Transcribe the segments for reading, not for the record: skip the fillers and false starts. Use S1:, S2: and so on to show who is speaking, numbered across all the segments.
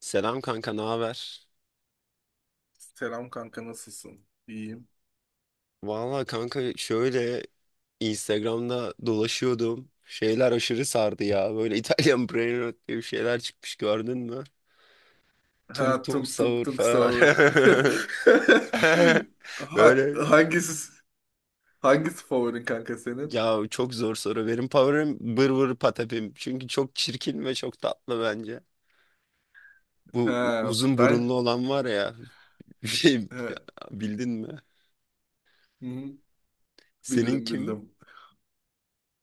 S1: Selam kanka, ne haber?
S2: Selam kanka, nasılsın? İyiyim.
S1: Valla kanka şöyle Instagram'da dolaşıyordum. Şeyler aşırı sardı ya. Böyle İtalyan Brain diye bir şeyler çıkmış, gördün mü? Tung
S2: Ha,
S1: tung
S2: tunk tunk
S1: sahur
S2: tunk
S1: falan.
S2: sahur. Ha-
S1: Böyle
S2: hangisi hangisi favorin kanka senin?
S1: ya, çok zor soru. Benim favorim bır bır patapim. Çünkü çok çirkin ve çok tatlı bence. Bu
S2: Ha,
S1: uzun burunlu
S2: ben.
S1: olan var ya. Şey,
S2: He.
S1: bildin mi?
S2: Hı.
S1: Senin
S2: Bildim,
S1: kim?
S2: bildim.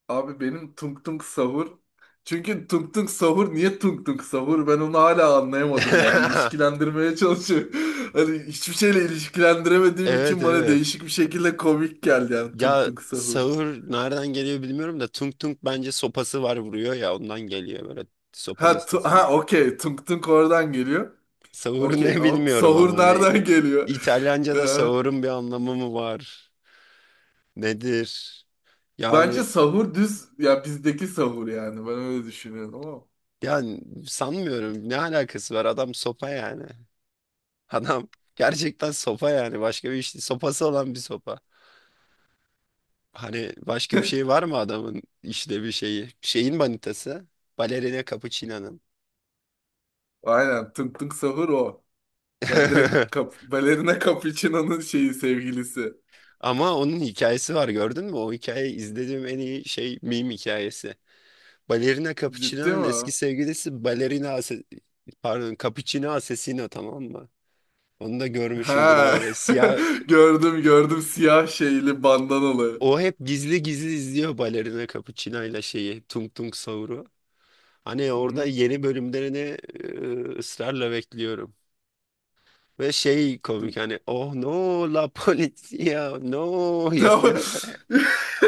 S2: Abi, benim tunk tunk sahur. Çünkü tunk tunk sahur niye tunk tunk sahur? Ben onu hala anlayamadım yani. İlişkilendirmeye çalışıyorum. Hani hiçbir şeyle ilişkilendiremediğim
S1: Evet,
S2: için bana
S1: evet.
S2: değişik bir şekilde komik geldi yani tunk
S1: Ya
S2: tunk sahur.
S1: sağır nereden geliyor bilmiyorum da tung tung bence sopası var, vuruyor ya, ondan geliyor böyle sopanın
S2: Ha,
S1: sesini.
S2: ha, okey, tunk tunk oradan geliyor.
S1: Sağır
S2: Okey,
S1: ne
S2: ama
S1: bilmiyorum, ama
S2: sahur
S1: hani
S2: nereden geliyor? Ee,
S1: İtalyanca'da sağırın bir anlamı mı var? Nedir?
S2: Bence
S1: Yani
S2: sahur düz ya, bizdeki sahur, yani ben öyle düşünüyorum ama.
S1: yani sanmıyorum, ne alakası var, adam sopa yani. Adam gerçekten sopa yani, başka bir işte sopası olan bir sopa. Hani başka bir şey var mı adamın, işte bir şeyi? Şeyin manitası. Balerina Capuchino'nun.
S2: Aynen, tınk tınk sahur o. Ya direkt kap Balerina Capuchino'nun şeyi, sevgilisi.
S1: Ama onun hikayesi var, gördün mü? O hikayeyi izlediğim en iyi şey meme hikayesi. Balerina
S2: Ciddi
S1: Capuchino'nun
S2: mi
S1: eski
S2: o?
S1: sevgilisi pardon, Capuchino Asesino, tamam mı? Onu da görmüşündür,
S2: Ha.
S1: böyle siyah.
S2: Gördüm, gördüm, siyah şeyli, bandanalı.
S1: O hep gizli gizli izliyor Balerina Capuchino ile şeyi, Tung Tung Saur'u. Hani
S2: Hı
S1: orada
S2: hı.
S1: yeni bölümlerini ısrarla bekliyorum. Ve şey komik, hani oh no la polizia no
S2: Tamam.
S1: yapıyorlar.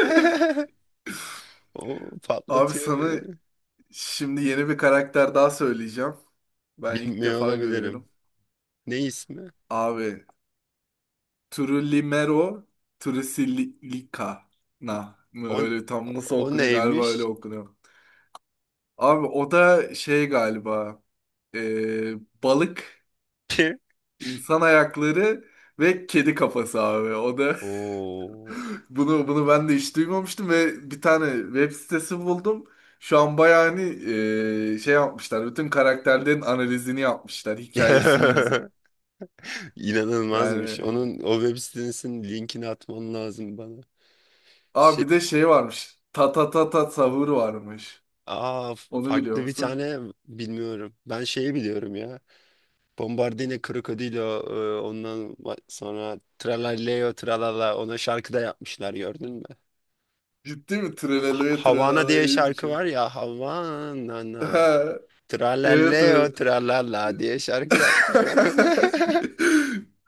S1: O
S2: Abi, sana
S1: patlatıyor.
S2: şimdi yeni bir karakter daha söyleyeceğim. Ben ilk
S1: Bilmiyor
S2: defa
S1: olabilirim.
S2: görüyorum.
S1: Ne ismi?
S2: Abi, Trulimero Trusilicana mı,
S1: O,
S2: öyle tam nasıl
S1: o
S2: okunuyor, galiba öyle
S1: neymiş?
S2: okunuyor. Abi o da şey galiba, e, balık, insan ayakları ve kedi kafası abi. O da
S1: Oo.
S2: bunu ben de hiç duymamıştım ve bir tane web sitesi buldum. Şu an bayağı hani şey yapmışlar. Bütün karakterlerin analizini yapmışlar, hikayesini yazıp.
S1: İnanılmazmış.
S2: Yani.
S1: Onun o web sitesinin linkini atman lazım bana.
S2: Abi,
S1: Şey,
S2: bir de şey varmış. Ta ta ta ta savur varmış.
S1: aa,
S2: Onu biliyor
S1: farklı bir
S2: musun?
S1: tane bilmiyorum. Ben şeyi biliyorum ya. Bombardino Krokodilo, ondan sonra Tralaleo Tralala, ona şarkı da yapmışlar, gördün mü?
S2: Ciddi mi? Treleleye
S1: Havana diye şarkı var
S2: treleleyeymişim.
S1: ya, Havana.
S2: Ha. Evet,
S1: Tralalleo
S2: evet.
S1: tralala diye şarkı yapmışlar ona.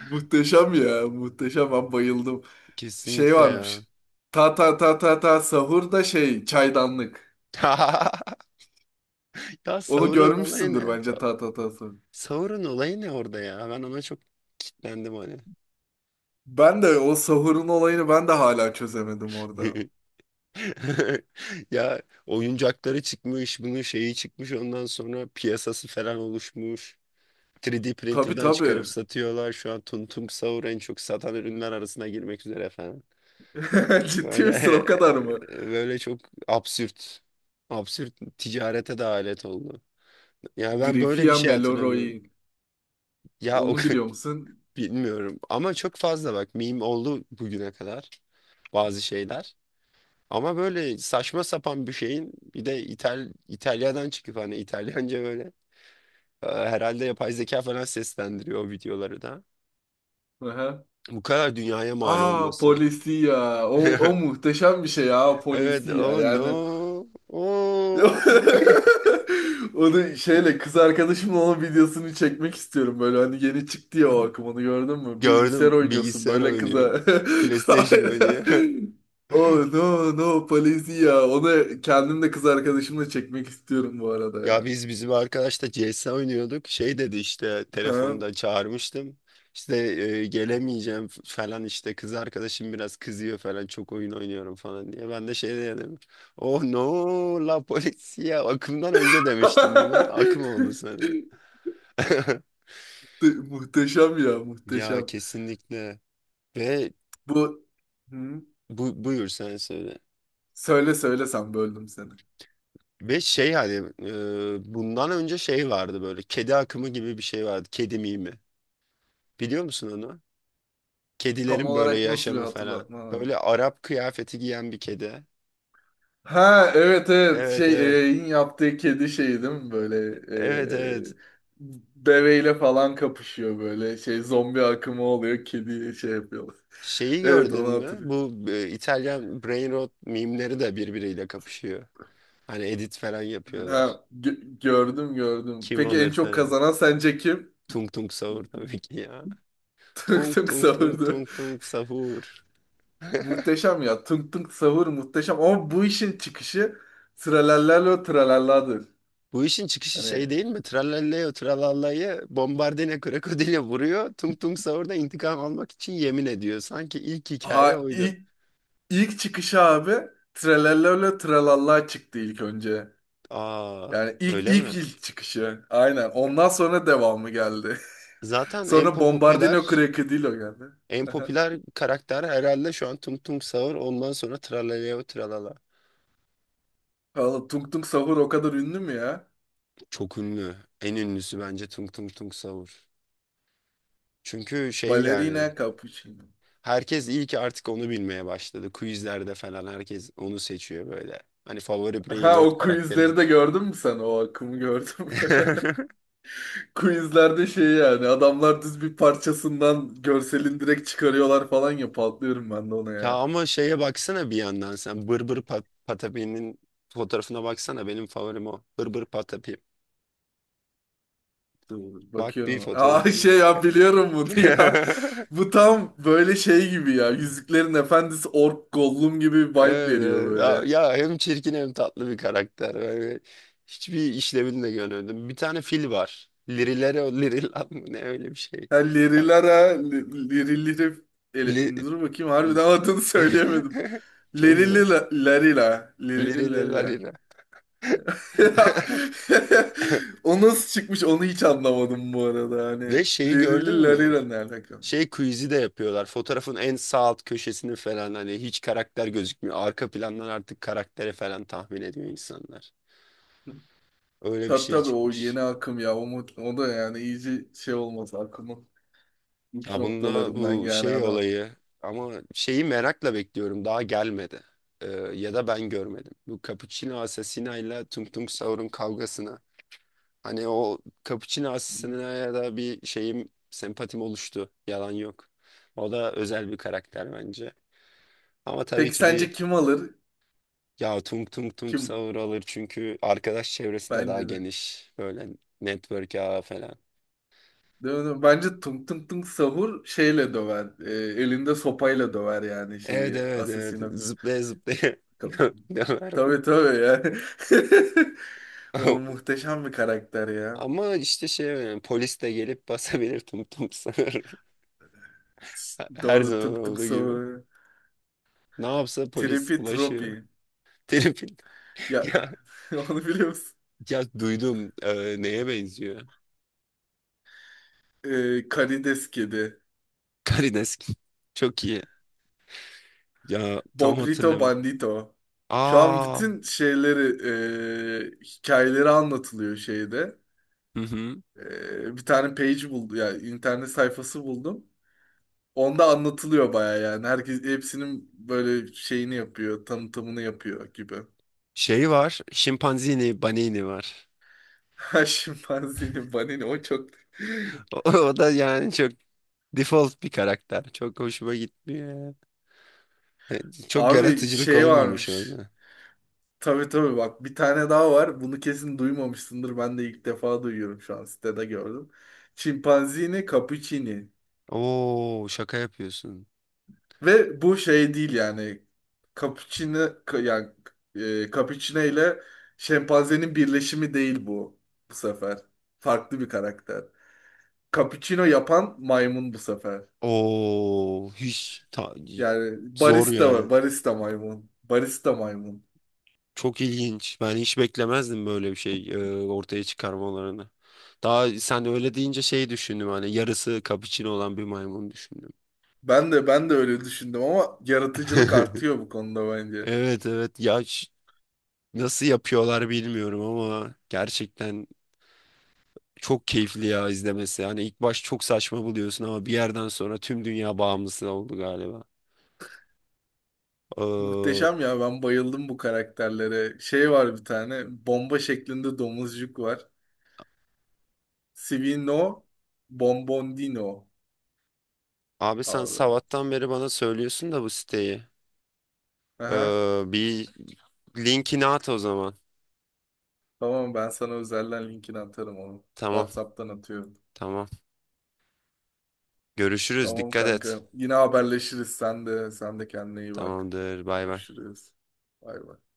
S2: Muhteşem ya. Muhteşem. Ben bayıldım. Şey
S1: Kesinlikle ya.
S2: varmış. Ta ta ta ta ta sahur da şey çaydanlık.
S1: Ya
S2: Onu
S1: Sauron olayı
S2: görmüşsündür
S1: ne?
S2: bence, ta ta ta sahur.
S1: Sauron olayı ne orada ya? Ben ona çok kitlendim hani.
S2: Ben de o sahurun olayını ben de hala çözemedim orada.
S1: Ya oyuncakları çıkmış, bunun şeyi çıkmış, ondan sonra piyasası falan oluşmuş. 3D
S2: Tabii,
S1: printer'dan çıkarıp
S2: tabii.
S1: satıyorlar. Şu an Tuntum Sauron en çok satan ürünler arasına girmek üzere.
S2: Ciddi
S1: Böyle
S2: misin, o kadar mı?
S1: böyle çok absürt. Absürt ticarete de alet oldu. Yani ben böyle bir
S2: Grifia
S1: şey
S2: Meloroi.
S1: hatırlamıyorum. Ya o
S2: Onu biliyor musun?
S1: bilmiyorum, ama çok fazla bak meme oldu bugüne kadar bazı şeyler. Ama böyle saçma sapan bir şeyin, bir de İtalya'dan çıkıp hani İtalyanca böyle herhalde yapay zeka falan seslendiriyor o videoları da.
S2: Aha.
S1: Bu kadar dünyaya mal
S2: Aa,
S1: olması.
S2: polisiya. O muhteşem bir şey ya
S1: Evet,
S2: polisiya.
S1: oh
S2: Yani
S1: no. Oh.
S2: onu şeyle, kız arkadaşımla onun videosunu çekmek istiyorum, böyle, hani yeni çıktı ya o akım, onu gördün mü? Bilgisayar
S1: Gördüm,
S2: oynuyorsun
S1: bilgisayar
S2: böyle
S1: oynuyor.
S2: kıza.
S1: PlayStation oynuyor.
S2: Oh no no polisiya. Onu kendim de kız arkadaşımla çekmek istiyorum bu arada
S1: Ya
S2: ya.
S1: biz bizim arkadaşla CS oynuyorduk. Şey dedi, işte
S2: Ha?
S1: telefonda çağırmıştım. İşte gelemeyeceğim falan, işte kız arkadaşım biraz kızıyor falan, çok oyun oynuyorum falan diye. Ben de şey dedim. Oh no la polizia akımdan önce demiştim bunu. Akım oldu sana.
S2: Muhteşem ya,
S1: Ya
S2: muhteşem.
S1: kesinlikle. Ve
S2: Bu Hı?
S1: buyur sen söyle.
S2: Söyle, söyle sen, böldüm seni.
S1: Ve şey hani bundan önce şey vardı, böyle kedi akımı gibi bir şey vardı. Kedi mimi. Biliyor musun onu?
S2: Tam
S1: Kedilerin böyle
S2: olarak nasıl bir
S1: yaşamı falan.
S2: hatırlatma?
S1: Böyle Arap kıyafeti giyen bir kedi.
S2: Ha, evet, evet,
S1: Evet,
S2: şey,
S1: evet.
S2: in yaptığı kedi şeyi değil mi, böyle
S1: Evet, evet.
S2: e, deveyle falan kapışıyor, böyle şey zombi akımı oluyor, kedi şey yapıyorlar.
S1: Şeyi
S2: Evet,
S1: gördün
S2: onu
S1: mü?
S2: hatırlıyorum.
S1: Bu İtalyan brain rot mimleri de birbiriyle kapışıyor. Hani edit falan yapıyorlar.
S2: Ha, gördüm, gördüm.
S1: Kim
S2: Peki en
S1: alır
S2: çok
S1: tarzı.
S2: kazanan sence kim?
S1: Tung tung sahur tabii ki ya.
S2: Tunk
S1: Tung
S2: tunk
S1: tung tung
S2: sahurdu.
S1: tung tung sahur.
S2: Muhteşem ya. Tunk tunk sahur muhteşem. Ama bu işin çıkışı tralallerle o tralalladır.
S1: Bu işin çıkışı
S2: Hani.
S1: şey değil mi? Trallalleo tralallayı bombardine krokodile vuruyor. Tung Tung Sahur'da intikam almak için yemin ediyor. Sanki ilk hikaye
S2: Ha,
S1: oydu.
S2: ilk çıkışı abi, Trelellele Trelalla çıktı ilk önce.
S1: Aa,
S2: Yani
S1: öyle mi?
S2: ilk çıkışı. Aynen. Ondan sonra devamı geldi.
S1: Zaten en
S2: Sonra Bombardino
S1: popüler
S2: Crocodilo geldi.
S1: en popüler karakter herhalde şu an Tung Tung Sahur. Ondan sonra Trallalleo tralala.
S2: Oğlum, Tung Tung Sahur o kadar ünlü mü ya?
S1: Çok ünlü. En ünlüsü bence Tung Tung Tung Sahur. Çünkü şey yani
S2: Balerina Cappuccino.
S1: herkes iyi ki artık onu bilmeye başladı. Quizlerde falan herkes onu seçiyor böyle. Hani favori Brain
S2: Ha,
S1: Rot
S2: o
S1: karakteri.
S2: quizleri de gördün mü sen? O akımı gördüm mü? Quizlerde şey yani adamlar düz bir parçasından görselin direkt çıkarıyorlar falan ya, patlıyorum ben de ona
S1: Ya
S2: ya.
S1: ama şeye baksana, bir yandan sen Bırbır Pat Patapi'nin fotoğrafına baksana, benim favorim o. Bırbır Patapi.
S2: Dur,
S1: Bak bir
S2: bakıyorum. Aa,
S1: fotoğrafını.
S2: şey ya, biliyorum bunu ya. Bu tam böyle şey gibi ya. Yüzüklerin Efendisi Ork Gollum gibi bir vibe
S1: Evet,
S2: veriyor
S1: evet. Ya,
S2: böyle.
S1: ya hem çirkin hem tatlı bir karakter. Yani hiçbir işlevini de görmedim. Bir tane fil var. Lirilere Lirilan mı ne, öyle bir şey.
S2: Ha,
S1: Tam-
S2: Lerilara, Liriliri...
S1: Li-
S2: Dur bakayım,
S1: li-
S2: harbiden adını söyleyemedim.
S1: Çok güzel.
S2: Lerilila, Lerila, Lerilara.
S1: Lirilelarina.
S2: Ya. O nasıl çıkmış, onu hiç anlamadım bu arada. Hani
S1: Ve şeyi gördün mü?
S2: Lerilara ne alaka?
S1: Şey quiz'i de yapıyorlar. Fotoğrafın en sağ alt köşesini falan, hani hiç karakter gözükmüyor. Arka plandan artık karaktere falan tahmin ediyor insanlar. Öyle bir
S2: Tabii,
S1: şey
S2: tabii o yeni
S1: çıkmış.
S2: akım ya. O da yani iyice şey olmaz akımı. Uç
S1: Ya bunda
S2: noktalarından
S1: bu
S2: yani
S1: şey
S2: adam.
S1: olayı, ama şeyi merakla bekliyorum. Daha gelmedi. Ya da ben görmedim. Bu Cappuccino Assassina ile Tung Tung Saur'un kavgasına. Hani o Cappuccino Assassina'ya da bir şeyim, sempatim oluştu. Yalan yok. O da özel bir karakter bence. Ama tabii
S2: Peki
S1: ki
S2: sence
S1: bir.
S2: kim alır?
S1: Ya tung tung tung
S2: Kim?
S1: sahur alır, çünkü arkadaş çevresi de daha
S2: Bence de.
S1: geniş. Böyle network ağı falan.
S2: Değil mi? Bence tung tung tung sahur şeyle döver. E, elinde sopayla döver yani
S1: Evet,
S2: şeyi.
S1: evet, evet,
S2: Asesino
S1: zıplaya zıplaya
S2: kap.
S1: döver
S2: Tabii,
S1: muhtemelen.
S2: tabii ya. O muhteşem bir karakter ya.
S1: Ama işte şey yani, polis de gelip basabilir tum tum sahur. Her
S2: Doğru,
S1: zaman
S2: tung tung
S1: olduğu gibi.
S2: sahur.
S1: Ne yapsa polis
S2: Tripi
S1: ulaşıyor.
S2: Tropi.
S1: Telefon.
S2: Ya,
S1: Ya,
S2: onu biliyor musun?
S1: ya duydum, neye benziyor?
S2: E, karides kedi.
S1: Karidesk. Çok iyi. Ya tam
S2: Bobrito
S1: hatırlamıyorum.
S2: Bandito. Şu an
S1: Aa.
S2: bütün şeyleri, hikayeleri anlatılıyor şeyde.
S1: Hı hı.
S2: E, bir tane page buldum, yani internet sayfası buldum. Onda anlatılıyor baya yani. Herkes hepsinin böyle şeyini yapıyor, tanıtımını yapıyor gibi.
S1: Şey var. Şimpanzini, banini var.
S2: Ha, şimpanzini banini o çok...
S1: O, o da yani çok default bir karakter. Çok hoşuma gitmiyor ya. Çok
S2: Abi,
S1: yaratıcılık
S2: şey
S1: olmamış
S2: varmış.
S1: orada.
S2: Tabii, tabii, bak bir tane daha var. Bunu kesin duymamışsındır. Ben de ilk defa duyuyorum, şu an sitede gördüm. Çimpanzini cappuccini.
S1: Oo şaka yapıyorsun.
S2: Ve bu şey değil yani. Cappuccino, yani, cappuccino ile şempanzenin birleşimi değil bu bu sefer. Farklı bir karakter. Cappuccino yapan maymun bu sefer.
S1: Oo hiç
S2: Yani
S1: zor yani.
S2: barista maymun. Barista maymun.
S1: Çok ilginç. Ben hiç beklemezdim böyle bir şey ortaya çıkarmalarını. Daha sen öyle deyince şey düşündüm, hani yarısı kapıçino olan bir maymun düşündüm.
S2: Ben de öyle düşündüm ama yaratıcılık artıyor bu konuda bence.
S1: Evet evet ya nasıl yapıyorlar bilmiyorum, ama gerçekten çok keyifli ya izlemesi. Hani ilk baş çok saçma buluyorsun, ama bir yerden sonra tüm dünya bağımlısı oldu galiba. Ee,
S2: Muhteşem ya, ben bayıldım bu karakterlere. Şey var, bir tane bomba şeklinde domuzcuk var. Sivino Bombondino
S1: abi sen
S2: abi.
S1: sabahtan beri bana söylüyorsun da bu siteyi.
S2: Aha,
S1: Bir linkini at o zaman.
S2: tamam, ben sana özelden linkini atarım onu.
S1: Tamam,
S2: WhatsApp'tan atıyorum.
S1: tamam. Görüşürüz.
S2: Tamam
S1: Dikkat et.
S2: kanka. Yine haberleşiriz. Sen de kendine iyi bak.
S1: Tamamdır. Bay bay.
S2: Görüşürüz. Bay bay.